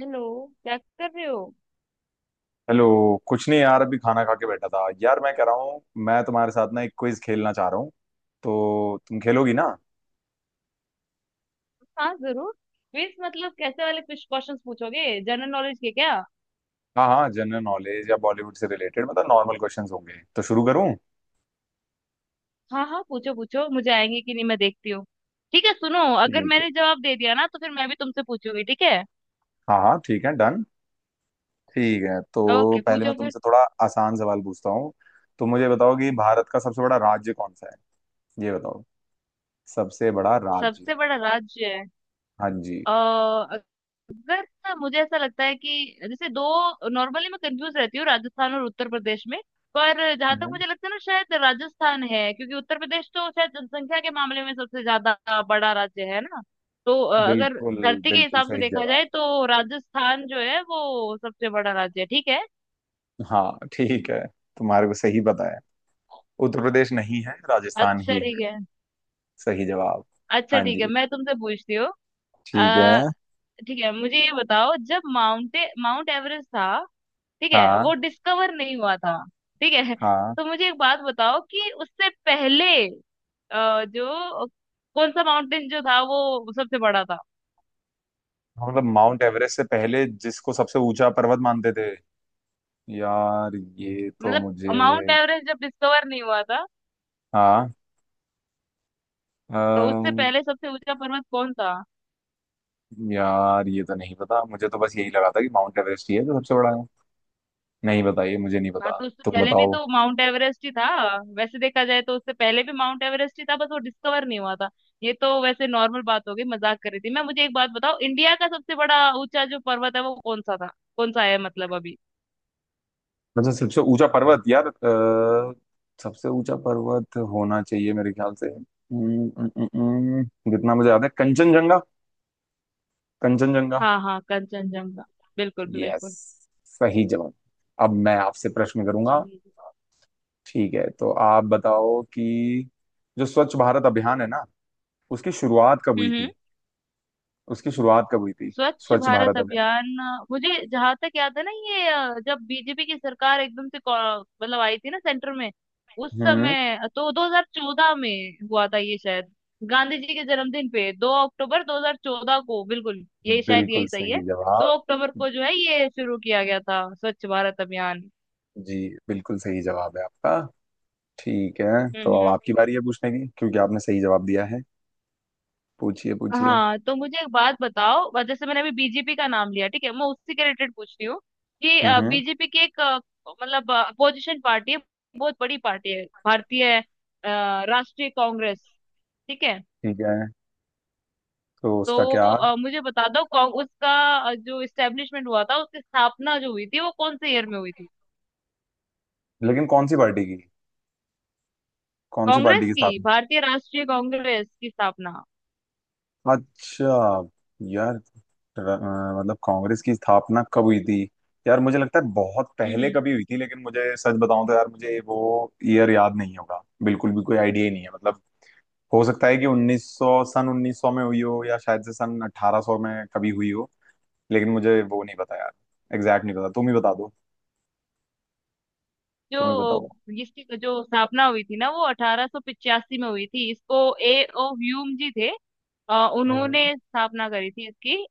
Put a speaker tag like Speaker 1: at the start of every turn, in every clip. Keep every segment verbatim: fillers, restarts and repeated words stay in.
Speaker 1: Hello. क्या कर रहे हो?
Speaker 2: हेलो। कुछ नहीं यार, अभी खाना खा के बैठा था। यार मैं कह रहा हूँ, मैं तुम्हारे साथ ना एक क्विज खेलना चाह रहा हूँ, तो तुम खेलोगी ना।
Speaker 1: हाँ, जरूर। क्विज मतलब कैसे वाले? कुछ क्वेश्चंस पूछोगे जनरल नॉलेज के क्या?
Speaker 2: हाँ हाँ, जनरल नॉलेज या बॉलीवुड से रिलेटेड, मतलब नॉर्मल क्वेश्चंस होंगे। तो शुरू करूँ?
Speaker 1: हाँ हाँ, पूछो पूछो, मुझे आएंगे कि नहीं मैं देखती हूँ। ठीक है, सुनो, अगर
Speaker 2: ठीक है।
Speaker 1: मैंने जवाब दे दिया ना तो फिर मैं भी तुमसे पूछूंगी, ठीक है?
Speaker 2: हाँ हाँ, ठीक है, डन। ठीक है तो
Speaker 1: ओके,
Speaker 2: पहले मैं
Speaker 1: पूछो फिर।
Speaker 2: तुमसे थोड़ा आसान सवाल पूछता हूँ। तो मुझे बताओ कि भारत का सबसे बड़ा राज्य कौन सा है, ये बताओ। सबसे बड़ा राज्य।
Speaker 1: सबसे बड़ा राज्य।
Speaker 2: हाँ जी।
Speaker 1: अ, अगर ना, मुझे ऐसा लगता है कि जैसे दो नॉर्मली मैं कंफ्यूज रहती हूँ राजस्थान और उत्तर प्रदेश में। पर जहां तक
Speaker 2: हम्म।
Speaker 1: मुझे लगता है ना, शायद राजस्थान है, क्योंकि उत्तर प्रदेश तो शायद जनसंख्या के मामले में सबसे ज्यादा बड़ा राज्य है ना। तो अ, अगर
Speaker 2: बिल्कुल।
Speaker 1: धरती के
Speaker 2: बिल्कुल
Speaker 1: हिसाब से
Speaker 2: सही
Speaker 1: देखा
Speaker 2: जवाब।
Speaker 1: जाए तो राजस्थान जो है वो सबसे बड़ा राज्य है, ठीक है।
Speaker 2: हाँ ठीक है, तुम्हारे को सही पता है। उत्तर प्रदेश नहीं है, राजस्थान
Speaker 1: अच्छा,
Speaker 2: ही
Speaker 1: ठीक
Speaker 2: है।
Speaker 1: है।
Speaker 2: सही जवाब।
Speaker 1: अच्छा,
Speaker 2: हाँ
Speaker 1: ठीक है,
Speaker 2: जी।
Speaker 1: मैं तुमसे पूछती हूँ।
Speaker 2: ठीक है।
Speaker 1: अ, ठीक है, मुझे ये बताओ, जब माउंटे माउंट एवरेस्ट था, ठीक है,
Speaker 2: हाँ
Speaker 1: वो डिस्कवर नहीं हुआ था। ठीक है,
Speaker 2: हाँ।
Speaker 1: तो मुझे एक बात बताओ कि उससे पहले अ, जो कौन सा माउंटेन जो था वो सबसे बड़ा था?
Speaker 2: हाँ, मतलब माउंट एवरेस्ट से पहले जिसको सबसे ऊंचा पर्वत मानते थे, यार ये तो
Speaker 1: मतलब,
Speaker 2: मुझे।
Speaker 1: माउंट एवरेस्ट जब डिस्कवर नहीं हुआ था
Speaker 2: हाँ।
Speaker 1: तो उससे
Speaker 2: अम,
Speaker 1: पहले सबसे ऊंचा पर्वत कौन था?
Speaker 2: यार ये तो नहीं पता। मुझे तो बस यही लगा था कि माउंट एवरेस्ट ही है जो सबसे बड़ा है। नहीं पता, ये मुझे नहीं
Speaker 1: हाँ,
Speaker 2: पता,
Speaker 1: तो उससे
Speaker 2: तुम
Speaker 1: पहले भी
Speaker 2: बताओ।
Speaker 1: तो माउंट एवरेस्ट ही था। वैसे देखा जाए तो उससे पहले भी माउंट एवरेस्ट ही था, बस वो डिस्कवर नहीं हुआ था। ये तो वैसे नॉर्मल बात हो गई, मजाक कर रही थी मैं। मुझे एक बात बताओ, इंडिया का सबसे बड़ा ऊंचा जो पर्वत है वो कौन सा था, कौन सा है मतलब अभी?
Speaker 2: वैसे सबसे ऊंचा पर्वत यार, अ, सबसे ऊंचा पर्वत होना चाहिए मेरे ख्याल से, अम, अम, अम, अम, जितना मुझे याद है, कंचनजंगा। कंचनजंगा।
Speaker 1: हाँ हाँ, कंचनजंगा। बिल्कुल
Speaker 2: यस,
Speaker 1: बिल्कुल।
Speaker 2: सही जवाब। अब मैं आपसे प्रश्न करूंगा।
Speaker 1: चलिए।
Speaker 2: ठीक है तो आप बताओ कि जो स्वच्छ भारत अभियान है ना, उसकी शुरुआत कब हुई
Speaker 1: हम्म।
Speaker 2: थी? उसकी शुरुआत कब हुई थी?
Speaker 1: स्वच्छ
Speaker 2: स्वच्छ
Speaker 1: भारत
Speaker 2: भारत अभियान।
Speaker 1: अभियान। अ, मुझे जहां तक याद है ना, ये अ, जब बीजेपी की सरकार एकदम से कौ- मतलब आई थी ना सेंटर में, उस
Speaker 2: हम्म।
Speaker 1: समय तो दो हज़ार चौदह में हुआ था ये शायद। गांधी जी के जन्मदिन पे दो अक्टूबर दो हज़ार चौदह को, बिल्कुल यही, शायद
Speaker 2: बिल्कुल
Speaker 1: यही सही है।
Speaker 2: सही
Speaker 1: दो
Speaker 2: जवाब।
Speaker 1: अक्टूबर को जो है ये शुरू किया गया था स्वच्छ भारत अभियान।
Speaker 2: जी, बिल्कुल सही जवाब है आपका। ठीक है तो अब
Speaker 1: हम्म।
Speaker 2: आपकी बारी है पूछने की, क्योंकि आपने सही जवाब दिया है। पूछिए पूछिए।
Speaker 1: हाँ, तो मुझे एक बात बताओ, वह जैसे मैंने अभी बीजेपी का नाम लिया, ठीक है, मैं उसी के रिलेटेड पूछ रही हूँ कि
Speaker 2: हम्म।
Speaker 1: बीजेपी की एक अ, मतलब अपोजिशन पार्टी है, बहुत बड़ी पार्टी है, भारतीय अ, राष्ट्रीय कांग्रेस, ठीक है।
Speaker 2: ठीक है। तो उसका
Speaker 1: तो
Speaker 2: क्या?
Speaker 1: अ, मुझे बता दो कौन- उसका अ, जो इस्टेब्लिशमेंट हुआ था, उसकी स्थापना जो हुई थी वो कौन से ईयर में हुई थी?
Speaker 2: लेकिन कौन सी पार्टी की? कौन सी पार्टी
Speaker 1: कांग्रेस
Speaker 2: की
Speaker 1: की,
Speaker 2: स्थापना?
Speaker 1: भारतीय राष्ट्रीय कांग्रेस की स्थापना।
Speaker 2: अच्छा। यार, र- अ, मतलब कांग्रेस की स्थापना कब हुई थी? यार मुझे लगता है बहुत
Speaker 1: हम्म
Speaker 2: पहले
Speaker 1: हम्म।
Speaker 2: कभी हुई थी, लेकिन मुझे सच बताऊं तो यार मुझे वो ईयर याद नहीं होगा। बिल्कुल भी कोई आइडिया ही नहीं है, मतलब। हो सकता है कि उन्नीस सौ, सन उन्नीस सौ में हुई हो, या शायद से सन अठारह सौ में कभी हुई हो। लेकिन मुझे वो नहीं पता यार, एग्जैक्ट नहीं पता, तुम ही बता दो,
Speaker 1: जो
Speaker 2: तुम ही बताओ।
Speaker 1: इसकी जो स्थापना हुई थी ना वो अठारह सौ पचासी में हुई थी, इसको ए ओ ह्यूम जी थे, अ, उन्होंने
Speaker 2: हम्म।
Speaker 1: स्थापना करी थी इसकी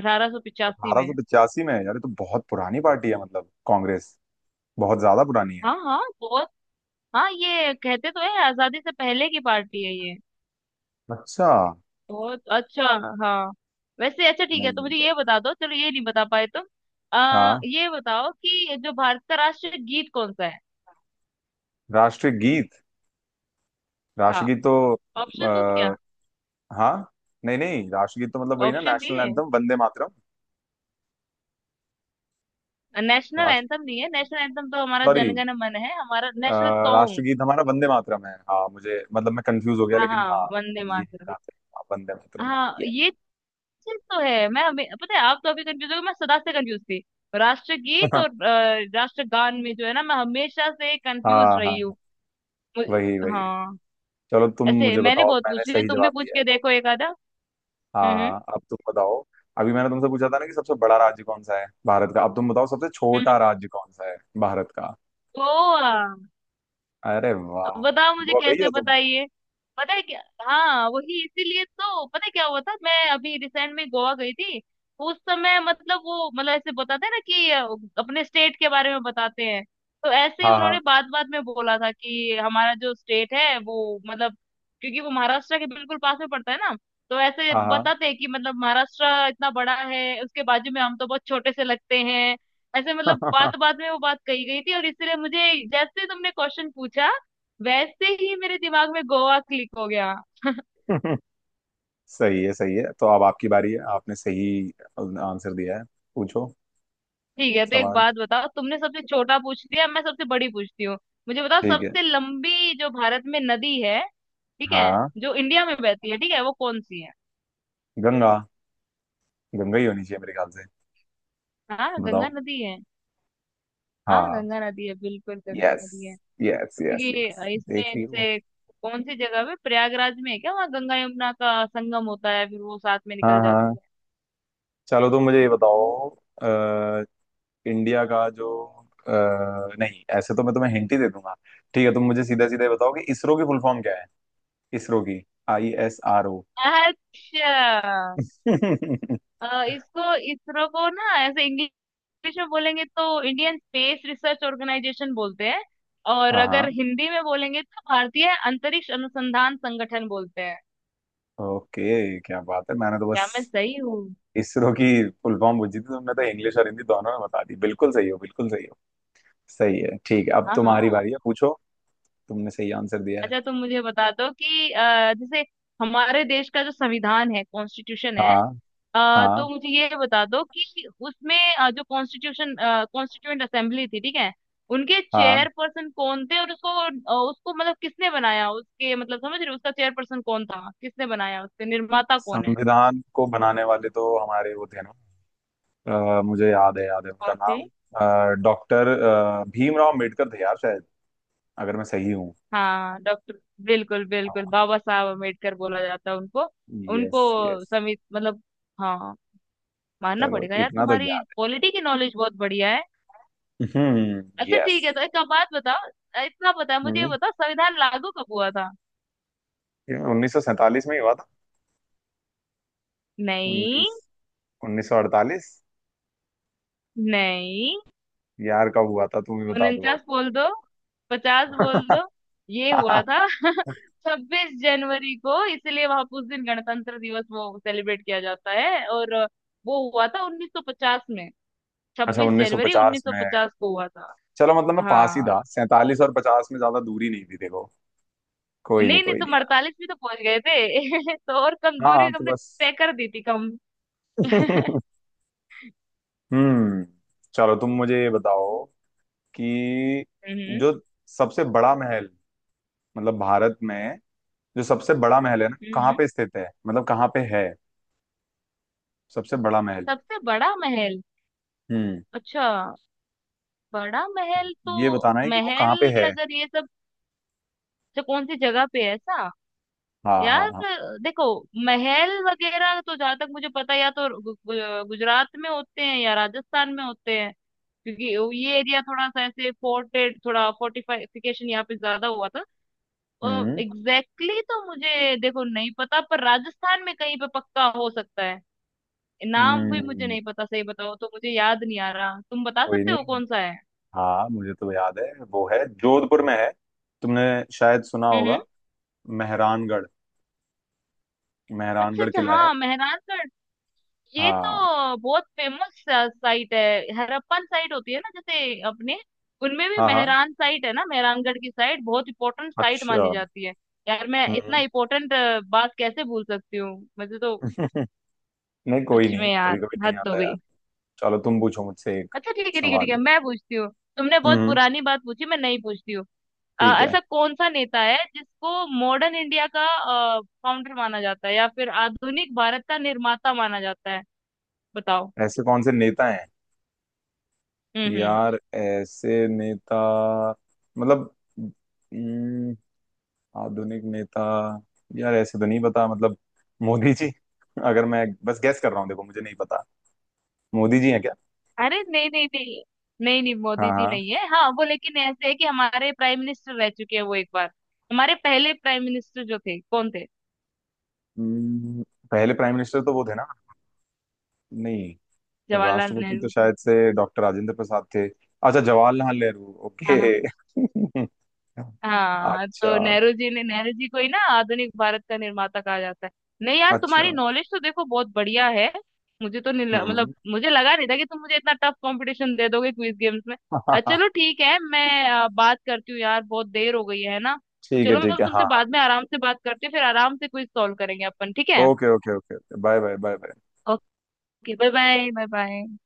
Speaker 1: अठारह सौ पचासी में।
Speaker 2: अठारह सौ पचासी में है यार, ये तो बहुत पुरानी पार्टी है, मतलब कांग्रेस। बहुत ज्यादा पुरानी है।
Speaker 1: हाँ हाँ, बहुत। हाँ, ये कहते तो है, आजादी से पहले की पार्टी है ये।
Speaker 2: अच्छा।
Speaker 1: बहुत अच्छा। हाँ। वैसे अच्छा, ठीक है तो
Speaker 2: नहीं।
Speaker 1: मुझे ये बता दो, चलो, ये नहीं बता पाए तुम।
Speaker 2: हाँ,
Speaker 1: आ, ये बताओ कि जो भारत का राष्ट्रीय गीत कौन सा है?
Speaker 2: राष्ट्रीय गीत।
Speaker 1: हाँ।
Speaker 2: राष्ट्रगीत तो
Speaker 1: ऑप्शन दो
Speaker 2: आ,
Speaker 1: क्या?
Speaker 2: हाँ, नहीं नहीं, राष्ट्रगीत तो मतलब वही ना,
Speaker 1: ऑप्शन
Speaker 2: नेशनल
Speaker 1: चाहिए।
Speaker 2: एंथम, वंदे मातरम।
Speaker 1: नेशनल
Speaker 2: राष्ट्र,
Speaker 1: एंथम नहीं है, नेशनल एंथम तो हमारा
Speaker 2: सॉरी,
Speaker 1: जनगण मन है, हमारा नेशनल सॉन्ग।
Speaker 2: राष्ट्रगीत हमारा वंदे मातरम है। हाँ मुझे, मतलब मैं कंफ्यूज हो गया,
Speaker 1: हाँ
Speaker 2: लेकिन
Speaker 1: हाँ,
Speaker 2: हाँ
Speaker 1: वंदे
Speaker 2: ये
Speaker 1: मातरम।
Speaker 2: राष्ट्रगीत, हाँ, वंदे मातरम है
Speaker 1: हाँ,
Speaker 2: ये।
Speaker 1: ये चीज तो है, मैं हमे- पता है, आप तो अभी कंफ्यूज हो गए, मैं सदा से कंफ्यूज थी। राष्ट्रगीत और अ, राष्ट्रगान में जो है ना, मैं हमेशा से कंफ्यूज
Speaker 2: हाँ
Speaker 1: रही
Speaker 2: हाँ।
Speaker 1: हूँ। मुझे-
Speaker 2: वही वही।
Speaker 1: हाँ।
Speaker 2: चलो तुम
Speaker 1: ऐसे
Speaker 2: मुझे
Speaker 1: मैंने
Speaker 2: बताओ,
Speaker 1: बहुत
Speaker 2: मैंने
Speaker 1: पूछ लिया,
Speaker 2: सही
Speaker 1: तुम भी
Speaker 2: जवाब
Speaker 1: पूछ
Speaker 2: दिया है।
Speaker 1: के देखो एक आधा।
Speaker 2: हाँ
Speaker 1: हम्म
Speaker 2: हाँ, अब तुम बताओ। अभी मैंने तुमसे पूछा था ना कि सबसे बड़ा राज्य कौन सा है भारत का, अब तुम बताओ सबसे
Speaker 1: हम्म।
Speaker 2: छोटा राज्य कौन सा है भारत का।
Speaker 1: गोवा।
Speaker 2: अरे वाह।
Speaker 1: अब बताओ मुझे
Speaker 2: गोवा गई
Speaker 1: कैसे
Speaker 2: हो तुम?
Speaker 1: बताइए। पता है क्या? हाँ, वही इसीलिए तो। पता है क्या हुआ था, मैं अभी रिसेंट में गोवा गई थी। उस समय मतलब वो मतलब ऐसे बताते हैं ना कि अ, अपने स्टेट के बारे में बताते हैं। तो ऐसे ही
Speaker 2: हाँ हाँ
Speaker 1: उन्होंने बात बात में बोला था कि हमारा जो स्टेट है वो मतलब, क्योंकि वो महाराष्ट्र के बिल्कुल पास में पड़ता है ना, तो ऐसे
Speaker 2: हाँ
Speaker 1: बताते हैं कि मतलब महाराष्ट्र इतना बड़ा है, उसके बाजू में हम तो बहुत छोटे से लगते हैं। ऐसे मतलब बात बात में वो बात कही गई थी, और इसलिए मुझे जैसे ही तुमने क्वेश्चन पूछा, वैसे ही मेरे दिमाग में गोवा क्लिक हो गया।
Speaker 2: हाँ। सही है, सही है। तो अब आपकी बारी है, आपने सही आंसर दिया है। पूछो
Speaker 1: ठीक है, तो एक
Speaker 2: सवाल।
Speaker 1: बात बताओ, तुमने सबसे छोटा पूछ लिया, मैं सबसे बड़ी पूछती हूँ। मुझे बताओ,
Speaker 2: ठीक है।
Speaker 1: सबसे लंबी जो भारत में नदी है, ठीक है,
Speaker 2: हाँ,
Speaker 1: जो इंडिया में बहती है, ठीक है, वो कौन सी है?
Speaker 2: गंगा। गंगा ही होनी चाहिए मेरे ख्याल से।
Speaker 1: हाँ, गंगा
Speaker 2: बताओ।
Speaker 1: नदी है। हाँ,
Speaker 2: हाँ।
Speaker 1: गंगा नदी है, बिल्कुल, गंगा
Speaker 2: यस
Speaker 1: नदी है।
Speaker 2: यस
Speaker 1: तो
Speaker 2: यस यस,
Speaker 1: क्योंकि
Speaker 2: देख
Speaker 1: इसमें
Speaker 2: रही हो।
Speaker 1: जैसे, कौन सी जगह पे, प्रयागराज में है क्या, वहाँ गंगा यमुना का संगम होता है, फिर वो साथ में
Speaker 2: हाँ
Speaker 1: निकल
Speaker 2: हाँ।
Speaker 1: जाती है।
Speaker 2: चलो तो मुझे ये बताओ, अ, इंडिया का जो अ, नहीं, ऐसे तो मैं तुम्हें हिंट ही दे दूंगा। ठीक है, तुम मुझे सीधा सीधा बताओ कि इसरो की फुल फॉर्म क्या है। इसरो की, आई एस आर ओ।
Speaker 1: अच्छा।
Speaker 2: हाँ
Speaker 1: अ, इसको, इसरो को ना, ऐसे इंग्लिश में बोलेंगे तो इंडियन स्पेस रिसर्च ऑर्गेनाइजेशन बोलते हैं, और
Speaker 2: हाँ।
Speaker 1: अगर हिंदी में बोलेंगे तो भारतीय अंतरिक्ष अनुसंधान संगठन बोलते हैं।
Speaker 2: ओके, क्या बात है, मैंने तो बस
Speaker 1: क्या मैं सही हूँ?
Speaker 2: इसरो की फुल फॉर्म पूछी थी, तुमने तो इंग्लिश और हिंदी दोनों में बता दी। बिल्कुल सही हो, बिल्कुल सही हो। सही है, ठीक है, अब
Speaker 1: हाँ
Speaker 2: तुम्हारी
Speaker 1: हाँ।
Speaker 2: बारी है, पूछो। तुमने सही आंसर दिया है।
Speaker 1: अच्छा, तुम मुझे बता दो कि अ, जैसे हमारे देश का जो संविधान है, कॉन्स्टिट्यूशन है,
Speaker 2: हाँ
Speaker 1: अ,
Speaker 2: हाँ
Speaker 1: तो मुझे ये बता दो कि उसमें अ, जो कॉन्स्टिट्यूशन कॉन्स्टिट्यूएंट असेंबली थी, ठीक है, उनके
Speaker 2: हाँ।
Speaker 1: चेयर पर्सन कौन थे, और उसको अ, उसको मतलब किसने बनाया, उसके मतलब, समझ रहे हो, उसका चेयर पर्सन कौन था, किसने बनाया, उसके निर्माता कौन है,
Speaker 2: संविधान को बनाने वाले तो हमारे वो थे ना, अ, मुझे याद है, याद है उनका
Speaker 1: कौन थे?
Speaker 2: नाम। डॉक्टर भीमराव अम्बेडकर थे यार, शायद, अगर मैं सही हूँ।
Speaker 1: हाँ, डॉक्टर। बिल्कुल बिल्कुल,
Speaker 2: हाँ।
Speaker 1: बाबा साहब अम्बेडकर बोला जाता है उनको।
Speaker 2: Yes yes.
Speaker 1: उनको समित मतलब। हाँ। मानना
Speaker 2: चलो,
Speaker 1: पड़ेगा यार,
Speaker 2: इतना तो
Speaker 1: तुम्हारी
Speaker 2: याद।
Speaker 1: पॉलिटी की नॉलेज बहुत बढ़िया है।
Speaker 2: हम्म।
Speaker 1: अच्छा,
Speaker 2: यस।
Speaker 1: ठीक है, तो एक बात बताओ, अ, इतना पता है, मुझे ये
Speaker 2: हम्म।
Speaker 1: बताओ, संविधान लागू कब हुआ था?
Speaker 2: उन्नीस सौ सैतालीस में ही हुआ था।
Speaker 1: नहीं।
Speaker 2: उन्नीस उन्नीस सौ अड़तालीस।
Speaker 1: नहीं।
Speaker 2: यार कब हुआ था, तुम ही बता दो।
Speaker 1: उनचास बोल दो, पचास बोल
Speaker 2: अब
Speaker 1: दो, ये हुआ था छब्बीस जनवरी को, इसलिए वहां उस दिन गणतंत्र दिवस वो सेलिब्रेट किया जाता है, और अ, वो हुआ था उन्नीस सौ पचास में।
Speaker 2: अच्छा,
Speaker 1: छब्बीस जनवरी
Speaker 2: उन्नीस सौ पचास में।
Speaker 1: उन्नीस सौ पचास को हुआ था।
Speaker 2: चलो मतलब मैं पास ही
Speaker 1: हाँ।
Speaker 2: था, सैंतालीस और पचास में ज्यादा दूरी नहीं थी, देखो। कोई नहीं,
Speaker 1: नहीं नहीं,
Speaker 2: कोई नहीं
Speaker 1: तुम
Speaker 2: यार।
Speaker 1: अड़तालीस भी तो पहुंच गए थे तो और कम
Speaker 2: हाँ
Speaker 1: दूरी
Speaker 2: तो
Speaker 1: तुमने
Speaker 2: बस।
Speaker 1: तय कर दी थी, कम।
Speaker 2: हम्म। चलो तुम मुझे ये बताओ कि
Speaker 1: हम्म
Speaker 2: जो सबसे बड़ा महल, मतलब भारत में जो सबसे बड़ा महल है ना, कहाँ
Speaker 1: हम्म।
Speaker 2: पे स्थित है, मतलब कहाँ पे है। सबसे बड़ा महल।
Speaker 1: सबसे बड़ा महल।
Speaker 2: हम्म,
Speaker 1: अच्छा। बड़ा महल तो,
Speaker 2: ये बताना है कि वो कहाँ
Speaker 1: महल
Speaker 2: पे है।
Speaker 1: अगर ये सब, तो कौन सी जगह पे है ऐसा?
Speaker 2: हाँ हाँ
Speaker 1: यार,
Speaker 2: हाँ।
Speaker 1: देखो, महल वगैरह तो जहां तक मुझे पता है, या तो गु- गु- गुजरात में होते हैं या राजस्थान में होते हैं, क्योंकि ये एरिया थोड़ा सा ऐसे फोर्टेड, थोड़ा फोर्टिफिकेशन यहाँ पे ज्यादा हुआ था।
Speaker 2: हम्म
Speaker 1: एग्जैक्टली exactly, तो मुझे देखो नहीं पता, पर राजस्थान में कहीं पे पक्का हो सकता है। नाम भी मुझे
Speaker 2: हम्म।
Speaker 1: नहीं पता, सही बताओ तो मुझे याद नहीं आ रहा, तुम बता
Speaker 2: कोई
Speaker 1: सकते हो
Speaker 2: नहीं।
Speaker 1: कौन सा है?
Speaker 2: हाँ, मुझे तो याद है। वो है, जोधपुर में है। तुमने शायद सुना
Speaker 1: हम्म हम्म।
Speaker 2: होगा, मेहरानगढ़।
Speaker 1: अच्छा
Speaker 2: मेहरानगढ़
Speaker 1: अच्छा,
Speaker 2: किला है।
Speaker 1: हाँ, मेहरानगढ़। ये
Speaker 2: हाँ
Speaker 1: तो बहुत फेमस साइट है। हड़प्पन साइट होती है ना जैसे अपने, उनमें भी
Speaker 2: हाँ हाँ।
Speaker 1: मेहरान साइट है ना, मेहरानगढ़ की साइट बहुत इंपॉर्टेंट साइट
Speaker 2: अच्छा।
Speaker 1: मानी जाती है। यार, मैं इतना
Speaker 2: हम्म।
Speaker 1: इंपॉर्टेंट बात कैसे भूल सकती हूँ? मुझे तो,
Speaker 2: नहीं, कोई
Speaker 1: सच
Speaker 2: नहीं,
Speaker 1: में
Speaker 2: कभी
Speaker 1: यार,
Speaker 2: कभी नहीं
Speaker 1: हद हो
Speaker 2: आता यार।
Speaker 1: गई।
Speaker 2: चलो तुम पूछो मुझसे एक
Speaker 1: अच्छा ठीक है, ठीक है, ठीक
Speaker 2: सवाल।
Speaker 1: है, मैं पूछती हूँ। तुमने बहुत
Speaker 2: हम्म।
Speaker 1: पुरानी बात पूछी, मैं नहीं पूछती हूँ। अ,
Speaker 2: ठीक है।
Speaker 1: ऐसा कौन सा नेता है जिसको मॉडर्न इंडिया का फाउंडर माना जाता है, या फिर आधुनिक भारत का निर्माता माना जाता है, बताओ?
Speaker 2: ऐसे कौन से नेता हैं?
Speaker 1: हम्म हम्म।
Speaker 2: यार ऐसे नेता, मतलब, हम्म, आधुनिक नेता। यार ऐसे तो नहीं पता मतलब, मोदी जी। अगर मैं बस गैस कर रहा हूँ, देखो मुझे नहीं पता, मोदी जी हैं।
Speaker 1: अरे नहीं नहीं नहीं। नहीं नहीं, मोदी
Speaker 2: हाँ
Speaker 1: जी
Speaker 2: हाँ।
Speaker 1: नहीं है, हाँ वो, लेकिन ऐसे है कि हमारे प्राइम मिनिस्टर रह चुके हैं वो एक बार। हमारे पहले प्राइम मिनिस्टर जो थे कौन थे?
Speaker 2: हम्म, पहले प्राइम मिनिस्टर तो वो थे ना। नहीं,
Speaker 1: जवाहरलाल
Speaker 2: राष्ट्रपति तो
Speaker 1: नेहरू जी।
Speaker 2: शायद से डॉक्टर राजेंद्र प्रसाद थे। अच्छा, जवाहरलाल नेहरू, ओके।
Speaker 1: हाँ हाँ। हाँ,
Speaker 2: अच्छा
Speaker 1: तो नेहरू जी ने नेहरू जी को ही ना आधुनिक भारत का निर्माता कहा जाता है। नहीं यार,
Speaker 2: अच्छा।
Speaker 1: तुम्हारी नॉलेज तो देखो बहुत बढ़िया है। मुझे तो नहीं ल- मतलब
Speaker 2: हम्म।
Speaker 1: मुझे लगा नहीं था कि तुम मुझे इतना टफ कंपटीशन दे दोगे क्विज गेम्स में। अ, चलो ठीक है, मैं अ, बात करती हूँ यार, बहुत देर हो गई है ना।
Speaker 2: ठीक है,
Speaker 1: चलो,
Speaker 2: ठीक
Speaker 1: मैं
Speaker 2: है, हाँ
Speaker 1: तुमसे
Speaker 2: हाँ।
Speaker 1: बाद में आराम से बात करती हूँ, फिर आराम से क्विज सॉल्व करेंगे अपन, ठीक है?
Speaker 2: Okay okay okay. Bye bye bye bye.
Speaker 1: Okay, bye bye bye bye.